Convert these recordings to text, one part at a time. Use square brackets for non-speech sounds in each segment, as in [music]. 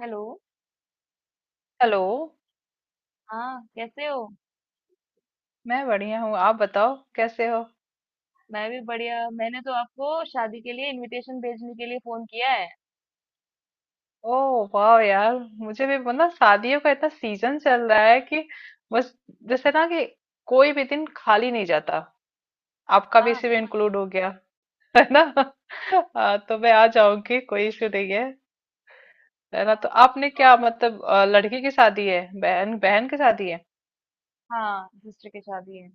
Hello. Hello. हाँ, कैसे हो? मैं बढ़िया हूँ, आप बताओ कैसे हो। मैं भी बढ़िया। मैंने तो आपको शादी के लिए इनविटेशन भेजने के लिए फोन किया है। ओह वाह यार, मुझे भी शादियों का इतना सीजन चल रहा है कि बस, जैसे ना कि कोई भी दिन खाली नहीं जाता। आपका भी हाँ इसी में इंक्लूड हो गया, है ना। [laughs] हाँ, तो मैं आ जाऊंगी, कोई इशू नहीं है। है ना। तो हाँ, आपने तो क्या लड़की की शादी है, बहन बहन की शादी है। हाँ, सिस्टर की शादी है।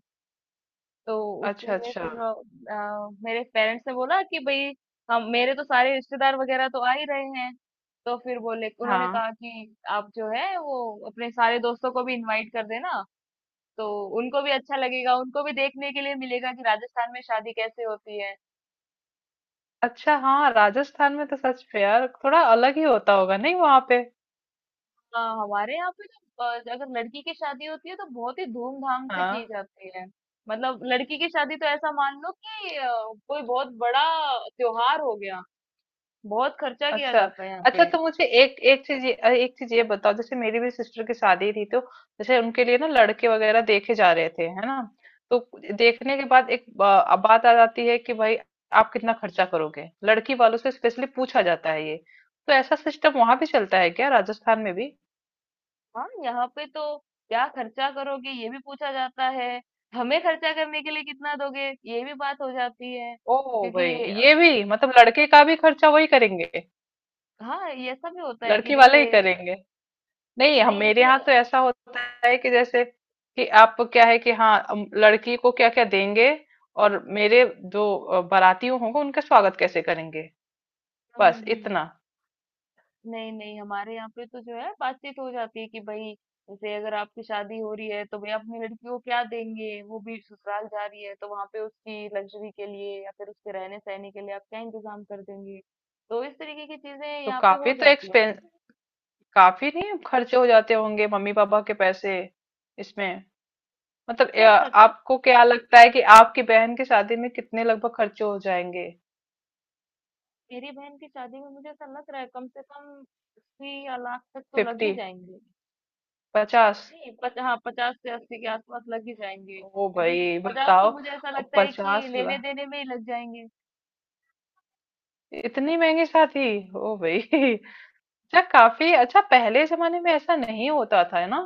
तो उसके अच्छा लिए अच्छा। फिर मेरे पेरेंट्स ने बोला कि भाई हम, मेरे तो सारे रिश्तेदार वगैरह तो आ ही रहे हैं। तो फिर बोले, उन्होंने हाँ कहा कि आप जो है वो अपने सारे दोस्तों को भी इनवाइट कर देना। तो उनको भी अच्छा लगेगा, उनको भी देखने के लिए मिलेगा कि राजस्थान में शादी कैसे होती है। अच्छा। हाँ, राजस्थान में तो सच में यार थोड़ा अलग ही होता होगा नहीं वहां पे। हमारे यहाँ पे ना अगर लड़की की शादी होती है तो बहुत ही धूमधाम से हाँ। की जाती है। मतलब लड़की की शादी तो ऐसा मान लो कि कोई बहुत बड़ा त्योहार हो गया। बहुत खर्चा किया अच्छा, जाता है यहाँ अच्छा पे। तो मुझे एक एक चीज ये, एक चीज ये बताओ। जैसे मेरी भी सिस्टर की शादी थी, तो जैसे उनके लिए ना लड़के वगैरह देखे जा रहे थे, है ना। तो देखने के बाद अब बात आ जाती है कि भाई आप कितना खर्चा करोगे, लड़की वालों से स्पेशली पूछा जाता है ये। तो ऐसा सिस्टम वहां भी चलता है क्या, राजस्थान में भी। हाँ, यहाँ पे तो क्या खर्चा करोगे ये भी पूछा जाता है। हमें खर्चा करने के लिए कितना दोगे ये भी बात हो जाती है। ओ भाई, क्योंकि ये भी मतलब लड़के का भी खर्चा वही करेंगे, हाँ, ये ऐसा भी होता है कि लड़की वाले ही करेंगे। नहीं, हम मेरे जैसे यहाँ तो ऐसा होता है कि जैसे कि आप क्या है कि हाँ, लड़की को क्या क्या देंगे, और मेरे जो बाराती होंगे उनका स्वागत कैसे करेंगे, हम्म हम्म बस हम्म। इतना। नहीं नहीं, हमारे यहाँ पे तो जो है बातचीत हो जाती है कि भाई जैसे अगर आपकी शादी हो रही है तो भाई अपनी लड़की को क्या देंगे, वो भी ससुराल जा रही है तो वहां पे उसकी लग्जरी के लिए या फिर उसके रहने सहने के लिए आप क्या इंतजाम कर देंगे। तो इस तरीके की चीजें तो यहाँ पे काफी हो तो जाती एक्सपेंस, हैं। काफी नहीं खर्चे हो जाते होंगे मम्मी पापा के पैसे इसमें। हाँ मतलब अ, खैर खर्चा। आपको क्या लगता है कि आपकी बहन की शादी में कितने लगभग खर्चे हो जाएंगे। मेरी बहन की शादी में मुझे ऐसा लग रहा है कम से कम 80 या लाख तक तो लग ही फिफ्टी, जाएंगे। पचास। नहीं पच, हाँ, 50 से 80 के आसपास लग ही जाएंगे, ओ क्योंकि भाई 50 तो बताओ, मुझे ऐसा लगता है कि पचास लेने लाख देने में ही लग जाएंगे। इतनी महंगी शादी। ओ भाई। [laughs] अच्छा, काफी अच्छा। पहले जमाने में ऐसा नहीं होता था, है ना।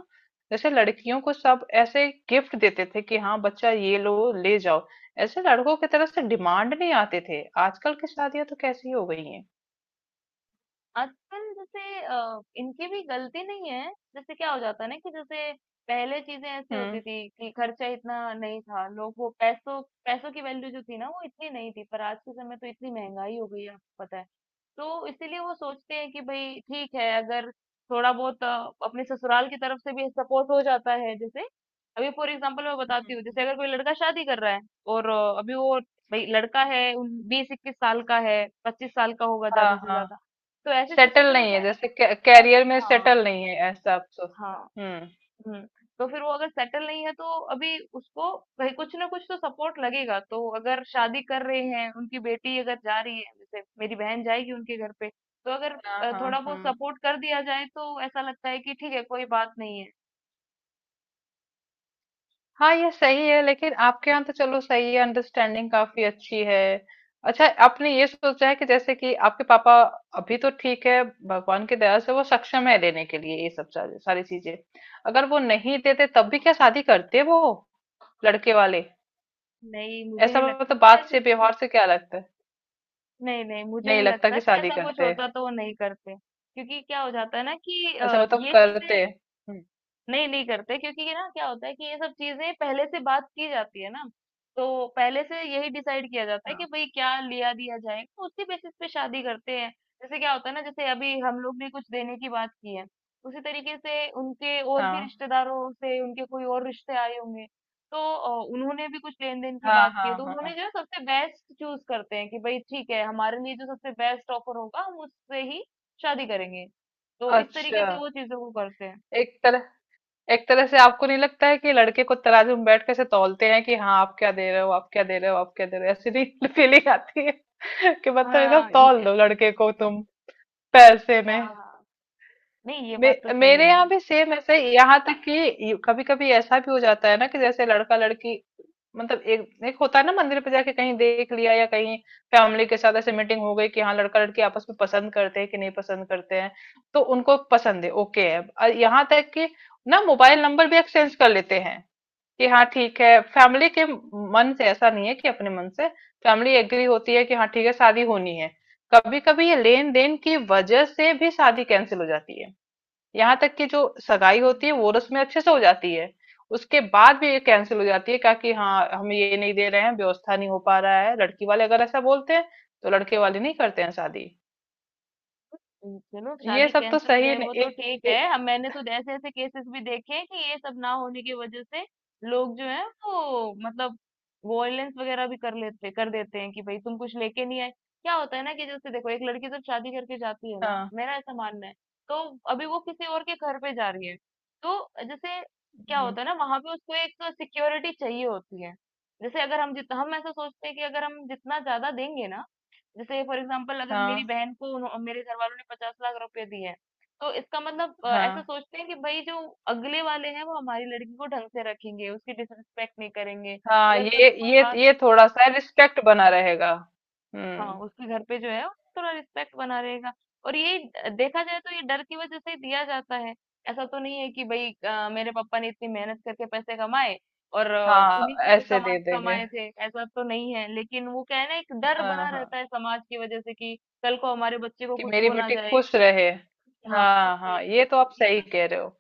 जैसे लड़कियों को सब ऐसे गिफ्ट देते थे कि हाँ बच्चा ये लो, ले जाओ। ऐसे लड़कों की तरफ से डिमांड नहीं आते थे। आजकल की शादियां तो कैसी हो गई हैं। आजकल जैसे इनकी भी गलती नहीं है, जैसे क्या हो जाता है ना कि जैसे पहले चीज़ें ऐसी हम्म। होती थी कि खर्चा इतना नहीं था, लोग वो पैसों पैसों की वैल्यू जो थी ना वो इतनी नहीं थी, पर आज के समय तो इतनी महँगाई हो गई है आपको पता है। तो इसीलिए वो सोचते हैं कि भई ठीक है, अगर थोड़ा बहुत अपने ससुराल की तरफ से भी सपोर्ट हो जाता है, जैसे, अभी फॉर एग्जांपल मैं बताती हूँ, हम्म। जैसे अगर कोई लड़का शादी कर रहा है और अभी वो भई लड़का है उन 20-21 साल का है, 25 साल का होगा ज़्यादा हाँ से हाँ, ज़्यादा। तो ऐसे सेटल सिचुएशन में नहीं क्या है, है ना जैसे कि अ, कैरियर में हाँ सेटल नहीं है, ऐसा आप सोच। हाँ हम्म। हम्म। तो फिर वो अगर सेटल नहीं है तो अभी उसको भाई कुछ ना कुछ तो सपोर्ट लगेगा, तो अगर शादी कर रहे हैं, उनकी बेटी अगर जा रही है जैसे मेरी बहन जाएगी उनके घर पे, तो अगर हाँ थोड़ा हाँ बहुत हाँ सपोर्ट कर दिया जाए तो ऐसा लगता है कि ठीक है, कोई बात नहीं है। हाँ। ये सही है, लेकिन आपके यहाँ तो चलो सही है, अंडरस्टैंडिंग काफी अच्छी है। अच्छा, आपने ये सोचा है कि जैसे कि आपके पापा, अभी तो ठीक है भगवान की दया से वो सक्षम है देने के लिए ये सब सारी सारी चीजें, अगर वो नहीं देते तब भी क्या शादी करते वो, लड़के वाले। नहीं, मुझे ऐसा नहीं लगता मतलब कि बात ऐसी से, सिचुएशन। व्यवहार से क्या लगता है। नहीं नहीं, मुझे नहीं नहीं लगता लगता कि कि शादी ऐसा कुछ करते हैं। होता तो वो नहीं करते। क्योंकि क्या हो जाता है ना कि अच्छा मतलब ये करते चीजें हैं। हम्म। नहीं, नहीं करते क्योंकि ये ना क्या होता है कि ये सब चीजें पहले से बात की जाती है ना, तो पहले से यही डिसाइड किया जाता है कि हाँ भाई क्या लिया दिया जाएगा, तो उसी बेसिस पे शादी करते हैं। जैसे क्या होता है ना, जैसे अभी हम लोग ने कुछ देने की बात की है, उसी तरीके से उनके और भी रिश्तेदारों से उनके कोई और रिश्ते आए होंगे, तो उन्होंने भी कुछ लेन देन की हाँ बात की हाँ है, तो हाँ। हाँ उन्होंने जो है सबसे बेस्ट चूज करते हैं कि भाई ठीक है, हमारे लिए जो सबसे बेस्ट ऑफर होगा हम उससे ही शादी करेंगे। तो इस तरीके अच्छा, से वो चीजों को करते हैं। एक तरह एक तरह से आपको नहीं लगता है कि लड़के को तराजू में बैठ के से तौलते हैं कि हाँ आप क्या दे रहे हो, आप क्या दे रहे हो, आप क्या दे रहे हो, ऐसी नहीं [laughs] फीलिंग आती है कि मतलब एकदम हाँ तौल दो लड़के को तुम पैसे में। हाँ हाँ, नहीं ये बात तो सही मेरे है। यहाँ भी सेम ऐसे ही, यहाँ तक कि कभी कभी ऐसा भी हो जाता है ना कि जैसे लड़का लड़की, मतलब एक एक होता है ना, मंदिर पे जाके कहीं देख लिया या कहीं फैमिली के साथ ऐसे मीटिंग हो गई कि हाँ लड़का लड़की आपस में पसंद करते हैं कि नहीं पसंद करते हैं। तो उनको पसंद है, ओके है, और यहाँ तक कि ना मोबाइल नंबर भी एक्सचेंज कर लेते हैं कि हाँ ठीक है, फैमिली के मन से ऐसा नहीं है कि अपने मन से फैमिली एग्री होती है कि हाँ ठीक है शादी होनी है। कभी कभी ये लेन देन की वजह से भी शादी कैंसिल हो जाती है। यहाँ तक कि जो हाँ, सगाई तो होती है वो रस्में अच्छे से हो जाती है, उसके बाद भी ये कैंसिल हो जाती है क्या कि हाँ हम ये नहीं दे रहे हैं, व्यवस्था नहीं हो पा रहा है, लड़की वाले अगर ऐसा बोलते हैं तो लड़के वाले नहीं करते हैं शादी। चलो ये शादी सब तो कैंसिल हो सही जाए नहीं। वो तो एक, ठीक है, एक अब मैंने तो ऐसे ऐसे केसेस भी देखे हैं कि ये सब ना होने की वजह से लोग जो है वो मतलब वॉयलेंस वगैरह भी कर लेते कर देते हैं कि भाई तुम कुछ लेके नहीं आए। क्या होता है ना कि जैसे देखो एक लड़की जब शादी करके जाती है ना, हाँ। मेरा ऐसा मानना है, तो अभी वो किसी और के घर पे जा रही है, तो जैसे क्या हम्म। होता है ना वहां पे उसको एक सिक्योरिटी चाहिए होती है। जैसे अगर हम जितना हम ऐसा सोचते हैं कि अगर हम जितना ज्यादा देंगे ना, जैसे फॉर एग्जाम्पल अगर मेरी हाँ बहन को मेरे घर वालों ने 50 लाख रुपए दिए हैं, तो इसका मतलब ऐसा हाँ सोचते हैं कि भाई जो अगले वाले हैं वो हमारी लड़की को ढंग से रखेंगे, उसकी डिसरिस्पेक्ट नहीं करेंगे। हाँ, अगर कल को कोई बात, ये थोड़ा सा रिस्पेक्ट बना रहेगा। हाँ, हम्म। उसके घर पे जो है थोड़ा रिस्पेक्ट बना रहेगा। और ये देखा जाए तो ये डर की वजह से ही दिया जाता है। ऐसा तो नहीं है कि भाई मेरे पापा ने इतनी मेहनत करके पैसे कमाए और हाँ उन्हीं के लिए ऐसे कमा दे देंगे। कमाए थे ऐसा तो नहीं है, लेकिन वो क्या है ना एक डर हाँ बना हाँ, रहता है समाज की वजह से कि कल को हमारे बच्चे को कि कुछ मेरी हो ना बेटी जाए। खुश रहे। हाँ, कुछ हाँ मिले हाँ, ये तो तो आप ये सही सब कह रहे चीज़ें- हो।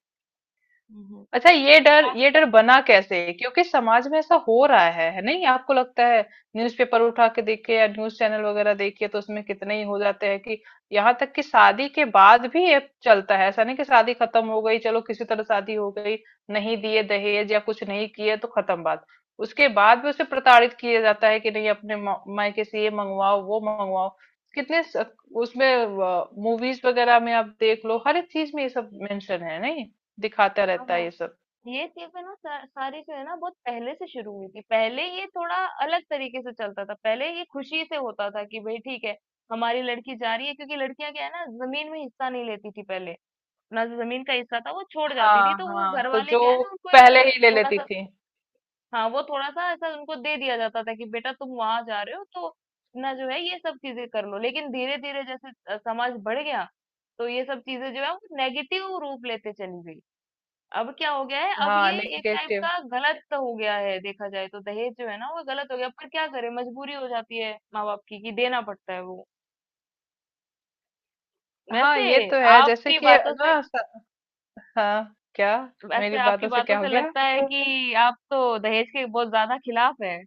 हम्म, हम्म। अच्छा, वैसे आप, ये डर बना कैसे, क्योंकि समाज में ऐसा हो रहा है नहीं आपको लगता है। न्यूज़पेपर उठा के देखिए या न्यूज़ चैनल वगैरह देखिए तो उसमें कितने ही हो जाते हैं कि यहाँ तक कि शादी के बाद भी ये चलता है। ऐसा नहीं कि शादी खत्म हो गई, चलो किसी तरह शादी हो गई, नहीं दिए दहेज या कुछ नहीं किए तो खत्म बात। उसके बाद भी उसे प्रताड़ित किया जाता है कि नहीं अपने मायके से ये मंगवाओ वो मंगवाओ। कितने स- उसमें मूवीज वगैरह में आप देख लो हर एक चीज में ये सब मेंशन है नहीं, दिखाता हाँ रहता है हाँ। ये सब। ये चीजें ना सारी जो है ना बहुत पहले से शुरू हुई थी, पहले ये थोड़ा अलग तरीके से चलता था, पहले ये खुशी से होता था कि भाई ठीक है, हमारी लड़की जा रही है, क्योंकि लड़कियां क्या है ना जमीन में हिस्सा नहीं लेती थी पहले, ना जमीन का हिस्सा था वो छोड़ जाती थी, हाँ तो वो हाँ, घर तो वाले जो क्या है ना उनको एक पहले ही ले थोड़ा लेती सा, थी। हाँ वो थोड़ा सा ऐसा उनको दे दिया जाता था कि बेटा तुम वहां जा रहे हो तो ना जो है ये सब चीजें कर लो। लेकिन धीरे धीरे जैसे समाज बढ़ गया, तो ये सब चीजें जो है वो नेगेटिव रूप लेते चली गई। अब क्या हो गया है, अब हाँ ये एक टाइप नेगेटिव। का गलत हो गया है, देखा जाए तो दहेज जो है ना वो गलत हो गया, पर क्या करें मजबूरी हो जाती है माँ बाप की कि देना पड़ता है वो। हाँ वैसे ये तो है, जैसे आपकी कि बातों से ना स- हाँ क्या। वैसे मेरी आपकी बातों से बातों क्या से हो गया। लगता है कि आप तो दहेज के बहुत ज्यादा खिलाफ है।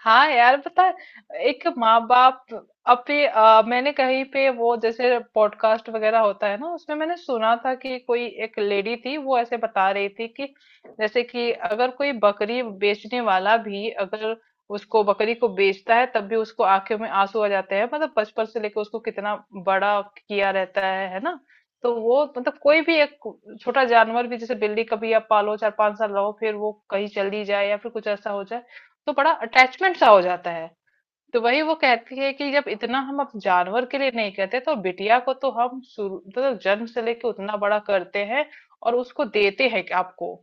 हाँ यार पता है, एक माँ बाप अपने, मैंने कहीं पे वो जैसे पॉडकास्ट वगैरह होता है ना उसमें मैंने सुना था कि कोई एक लेडी थी, वो ऐसे बता रही थी कि जैसे कि अगर कोई बकरी बेचने वाला भी अगर उसको बकरी को बेचता है तब भी उसको आंखों में आंसू आ जाते हैं, मतलब बचपन से लेकर उसको कितना बड़ा किया रहता है ना। तो वो मतलब कोई भी एक छोटा जानवर भी, जैसे बिल्ली, कभी आप पालो 4 5 साल रहो फिर वो कहीं चली जाए या फिर कुछ ऐसा हो जाए तो बड़ा अटैचमेंट सा हो जाता है। तो वही वो कहती है कि जब इतना हम अब जानवर के लिए नहीं कहते, तो बिटिया को तो हम शुरू मतलब जन्म से लेके उतना बड़ा करते हैं और उसको देते हैं कि आपको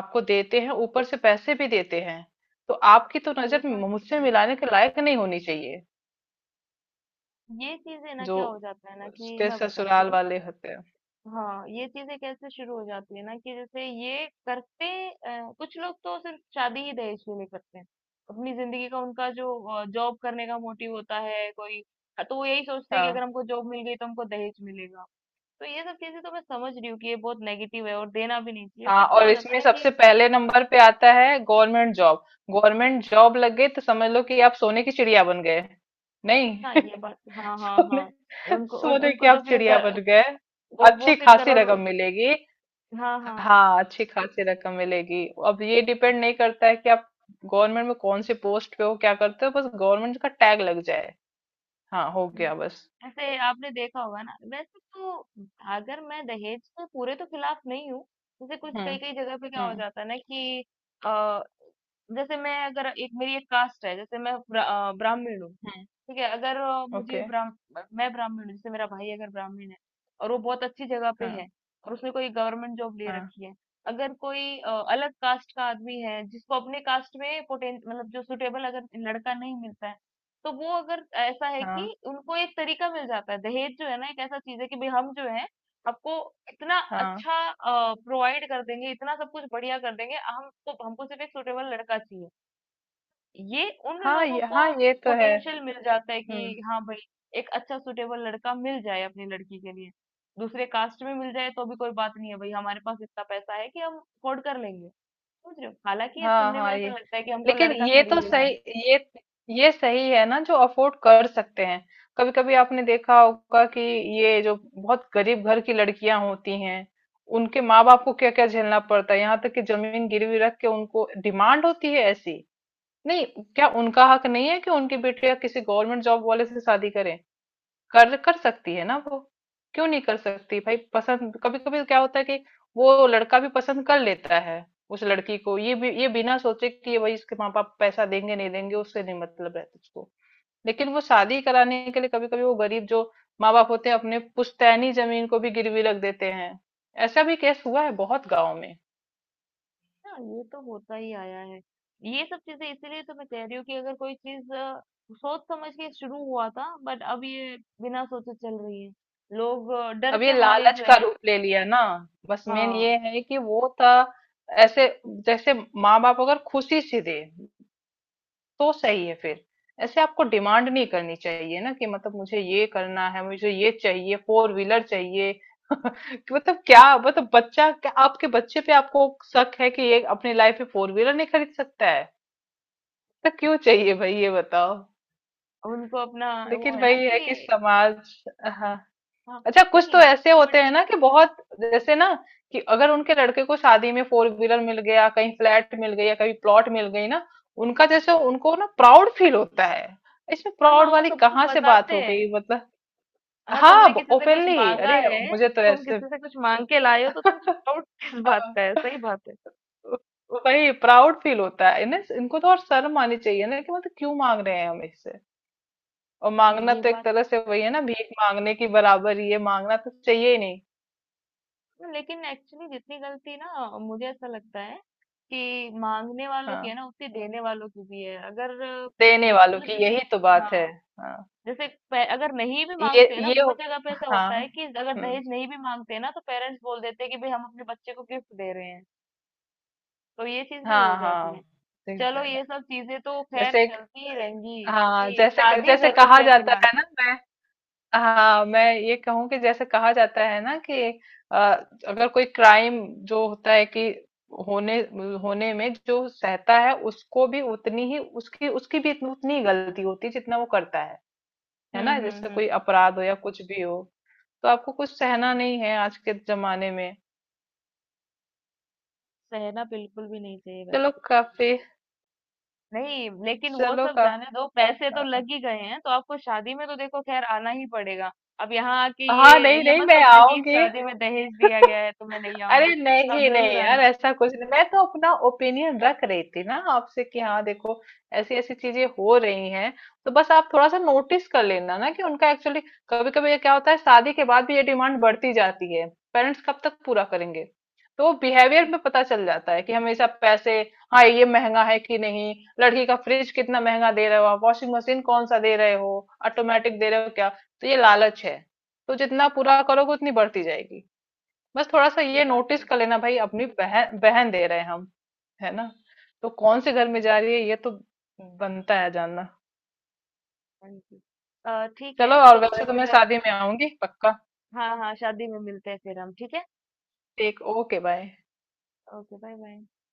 आपको देते हैं, ऊपर से पैसे भी देते हैं, तो आपकी तो मेरे नजर पास मुझसे तो नहीं। मिलाने के लायक नहीं होनी चाहिए, ये चीजें ना जो क्या हो जाता है ना कि उसके मैं बताती ससुराल हूँ। वाले होते हैं। हाँ, ये चीजें कैसे शुरू हो जाती है ना कि जैसे ये करते कुछ लोग तो सिर्फ शादी ही दहेज के लिए करते हैं, अपनी जिंदगी का उनका जो जॉब करने का मोटिव होता है कोई, तो वो यही सोचते हैं कि अगर हाँ हमको जॉब मिल गई तो हमको दहेज मिलेगा। तो ये सब चीजें तो मैं समझ रही हूँ कि ये बहुत नेगेटिव है और देना भी नहीं चाहिए, हाँ, बट क्या और हो जाता है इसमें ना कि सबसे पहले नंबर पे आता है गवर्नमेंट जॉब। गवर्नमेंट जॉब लग गई तो समझ लो कि आप सोने की चिड़िया बन गए। हाँ नहीं। [laughs] ये बात हाँ हाँ सोने हाँ, उनको सोने की उनको तो आप फिर चिड़िया बन गए। वो अच्छी फिर खासी करोड़ रकम मिलेगी। हाँ हाँ हाँ अच्छी खासी रकम मिलेगी। अब ये डिपेंड नहीं करता है कि आप गवर्नमेंट में कौन से पोस्ट पे हो, क्या करते हो, बस गवर्नमेंट का टैग लग जाए। हाँ हो हुँ। गया बस। ऐसे आपने देखा होगा ना, वैसे तो अगर मैं दहेज के पूरे तो खिलाफ नहीं हूँ, जैसे कुछ हम्म कई-कई जगह पे क्या हो हम्म जाता है ना कि अ, जैसे मैं अगर एक, मेरी एक कास्ट है, जैसे मैं ब्रा ब्राह्मण हूँ, हम्म। ठीक है। अगर मुझे ओके। ब्राह्म मैं ब्राह्मण हूँ, जैसे मेरा भाई अगर ब्राह्मण है और वो बहुत अच्छी जगह पे हाँ है और उसने कोई गवर्नमेंट जॉब ले हाँ रखी है, अगर कोई अलग कास्ट का आदमी है जिसको अपने कास्ट में पोटें मतलब जो सुटेबल अगर लड़का नहीं मिलता है, तो वो अगर ऐसा है कि हाँ उनको एक तरीका मिल जाता है, दहेज जो है ना एक ऐसा चीज है कि भाई हम जो है आपको इतना हाँ। अच्छा प्रोवाइड कर देंगे, इतना सब कुछ बढ़िया कर देंगे, हमको हमको सिर्फ एक सुटेबल लड़का चाहिए। ये उन हाँ लोगों ये, को हाँ ये तो है। पोटेंशियल मिल जाता है हम्म। कि हाँ भाई एक अच्छा सुटेबल लड़का मिल जाए अपनी लड़की के लिए, दूसरे कास्ट में मिल जाए तो भी कोई बात नहीं है, भाई हमारे पास इतना पैसा है कि हम अफोर्ड कर लेंगे। समझ रहे हो, हालांकि ये हाँ सुनने में हाँ ये, ऐसा लगता है कि हमको लेकिन लड़का ये तो खरीदना सही, है। ये ये सही है ना जो अफोर्ड कर सकते हैं। कभी कभी आपने देखा होगा कि ये जो बहुत गरीब घर की लड़कियां होती हैं उनके माँ बाप को क्या क्या झेलना पड़ता है, यहाँ तक कि जमीन गिरवी रख के उनको डिमांड होती है ऐसी। नहीं, क्या उनका हक नहीं है कि उनकी बेटियां किसी गवर्नमेंट जॉब वाले से शादी करें। कर कर सकती है ना वो, क्यों नहीं कर सकती भाई। पसंद कभी कभी क्या होता है कि वो लड़का भी पसंद कर लेता है उस लड़की को, ये बिना सोचे कि ये भाई इसके माँ बाप पैसा देंगे नहीं देंगे, उससे नहीं मतलब रहता उसको। लेकिन वो शादी कराने के लिए कभी कभी वो गरीब जो माँ बाप होते हैं अपने पुश्तैनी जमीन को भी गिरवी रख देते हैं। ऐसा भी केस हुआ है बहुत गाँव में। हाँ, ये तो होता ही आया है। ये सब चीजें इसीलिए तो मैं कह रही हूँ कि अगर कोई चीज सोच समझ के शुरू हुआ था, बट अब ये बिना सोचे चल रही है, लोग डर अब ये के मारे लालच जो का है, रूप ले लिया ना, बस मेन हाँ ये है कि वो था ऐसे। जैसे माँ बाप अगर खुशी से दे तो सही है फिर, ऐसे आपको डिमांड नहीं करनी चाहिए ना कि मतलब मुझे ये करना है, मुझे ये चाहिए, फोर व्हीलर चाहिए। [laughs] कि मतलब क्या, मतलब बच्चा, क्या आपके बच्चे पे आपको शक है कि ये अपनी लाइफ में फोर व्हीलर नहीं खरीद सकता है, तो क्यों चाहिए भाई ये बताओ। उनको अपना, वो लेकिन है ना भाई है कि कि समाज। हाँ। हाँ, अच्छा कुछ तो नहीं ऐसे सबसे होते हैं बड़ी। ना कि बहुत, जैसे ना कि अगर उनके लड़के को शादी में फोर व्हीलर मिल गया, कहीं फ्लैट मिल गई या कहीं प्लॉट मिल गई ना, उनका जैसे उनको ना प्राउड फील होता है। इसमें हाँ हाँ, प्राउड वो वाली सब कुछ कहाँ से बात बताते हो हैं। गई मतलब। हाँ, तुमने हाँ किसी से कुछ ओपनली, मांगा अरे है, मुझे तो तुम ऐसे। किसी से कुछ मांग के लाए हो तो [laughs] तुमको डाउट किस बात हाँ, का है, सही बात है। वही प्राउड फील होता है इन्हें, इनको तो और शर्म आनी चाहिए ना कि मतलब क्यों मांग रहे हैं हम इससे, और नहीं मांगना ये तो एक बात, तरह से वही है ना, भीख मांगने की बराबर ही है, मांगना तो चाहिए ही नहीं। लेकिन एक्चुअली जितनी गलती ना मुझे ऐसा लगता है कि मांगने वालों की है हाँ, ना उतनी देने वालों की भी है। अगर देने वालों मतलब की जैसे, यही तो बात है। हाँ हाँ जैसे अगर नहीं भी मांगते हैं ना, ये बहुत जगह पे ऐसा हाँ। होता है कि अगर हम्म। दहेज नहीं भी मांगते हैं ना, तो पेरेंट्स बोल देते हैं कि भाई हम अपने बच्चे को गिफ्ट दे रहे हैं। तो ये चीज भी हो हाँ जाती हाँ। है। ठीक चलो बोला। ये सब चीजें तो खैर जैसे एक- चलती ही रहेंगी हाँ, क्योंकि शादी जैसे कहा जरूरी है जाता फिलहाल। है ना, मैं हाँ मैं ये कहूँ कि जैसे कहा जाता है ना कि अ, अगर कोई क्राइम जो होता है, कि होने होने में जो सहता है उसको भी उतनी ही, उसकी उसकी भी उतनी ही गलती होती है जितना वो करता है ना। जैसे कोई हम्म। अपराध हो या कुछ भी हो, तो आपको कुछ सहना नहीं है आज के जमाने में। सहना बिल्कुल भी नहीं चाहिए वैसे चलो तो, सही काफ़ी। बात है। नहीं लेकिन वो चलो सब काफ़ी। जाने दो, पैसे तो लग ही गए हैं, तो आपको शादी में तो देखो खैर आना ही पड़ेगा। अब यहाँ आके हाँ, नहीं, ये नहीं मत मैं सोचना कि इस आऊँगी। शादी में दहेज दिया गया है तो मैं नहीं आऊंगी। अरे आप नहीं जरूर नहीं यार, आना। ऐसा कुछ नहीं, मैं तो अपना ओपिनियन रख रही थी ना आपसे कि हाँ देखो ऐसी ऐसी चीजें हो रही हैं, तो बस आप थोड़ा सा नोटिस कर लेना ना कि उनका एक्चुअली कभी कभी ये क्या होता है शादी के बाद भी ये डिमांड बढ़ती जाती है, पेरेंट्स कब तक पूरा करेंगे। तो बिहेवियर हम्म, में पता चल जाता है कि हमेशा पैसे, हाँ ये महंगा है कि नहीं, लड़की का फ्रिज कितना महंगा दे रहे हो आप, वॉशिंग मशीन कौन सा दे रहे हो, ऑटोमेटिक दे रहे हो क्या, तो ये लालच है, तो जितना पूरा करोगे उतनी बढ़ती जाएगी। बस थोड़ा सा ये ये बात नोटिस तो कर लेना भाई, अपनी बहन बहन दे रहे हैं हम, है ना, तो कौन से घर में जा हम्म, रही है ये तो बनता है जानना। Thank you. ठीक चलो है और तो वैसे तो मैं फिर, शादी में आऊंगी पक्का। हाँ हाँ, शादी में मिलते हैं फिर हम, ठीक है। ठीक, okay bye. Okay bye bye.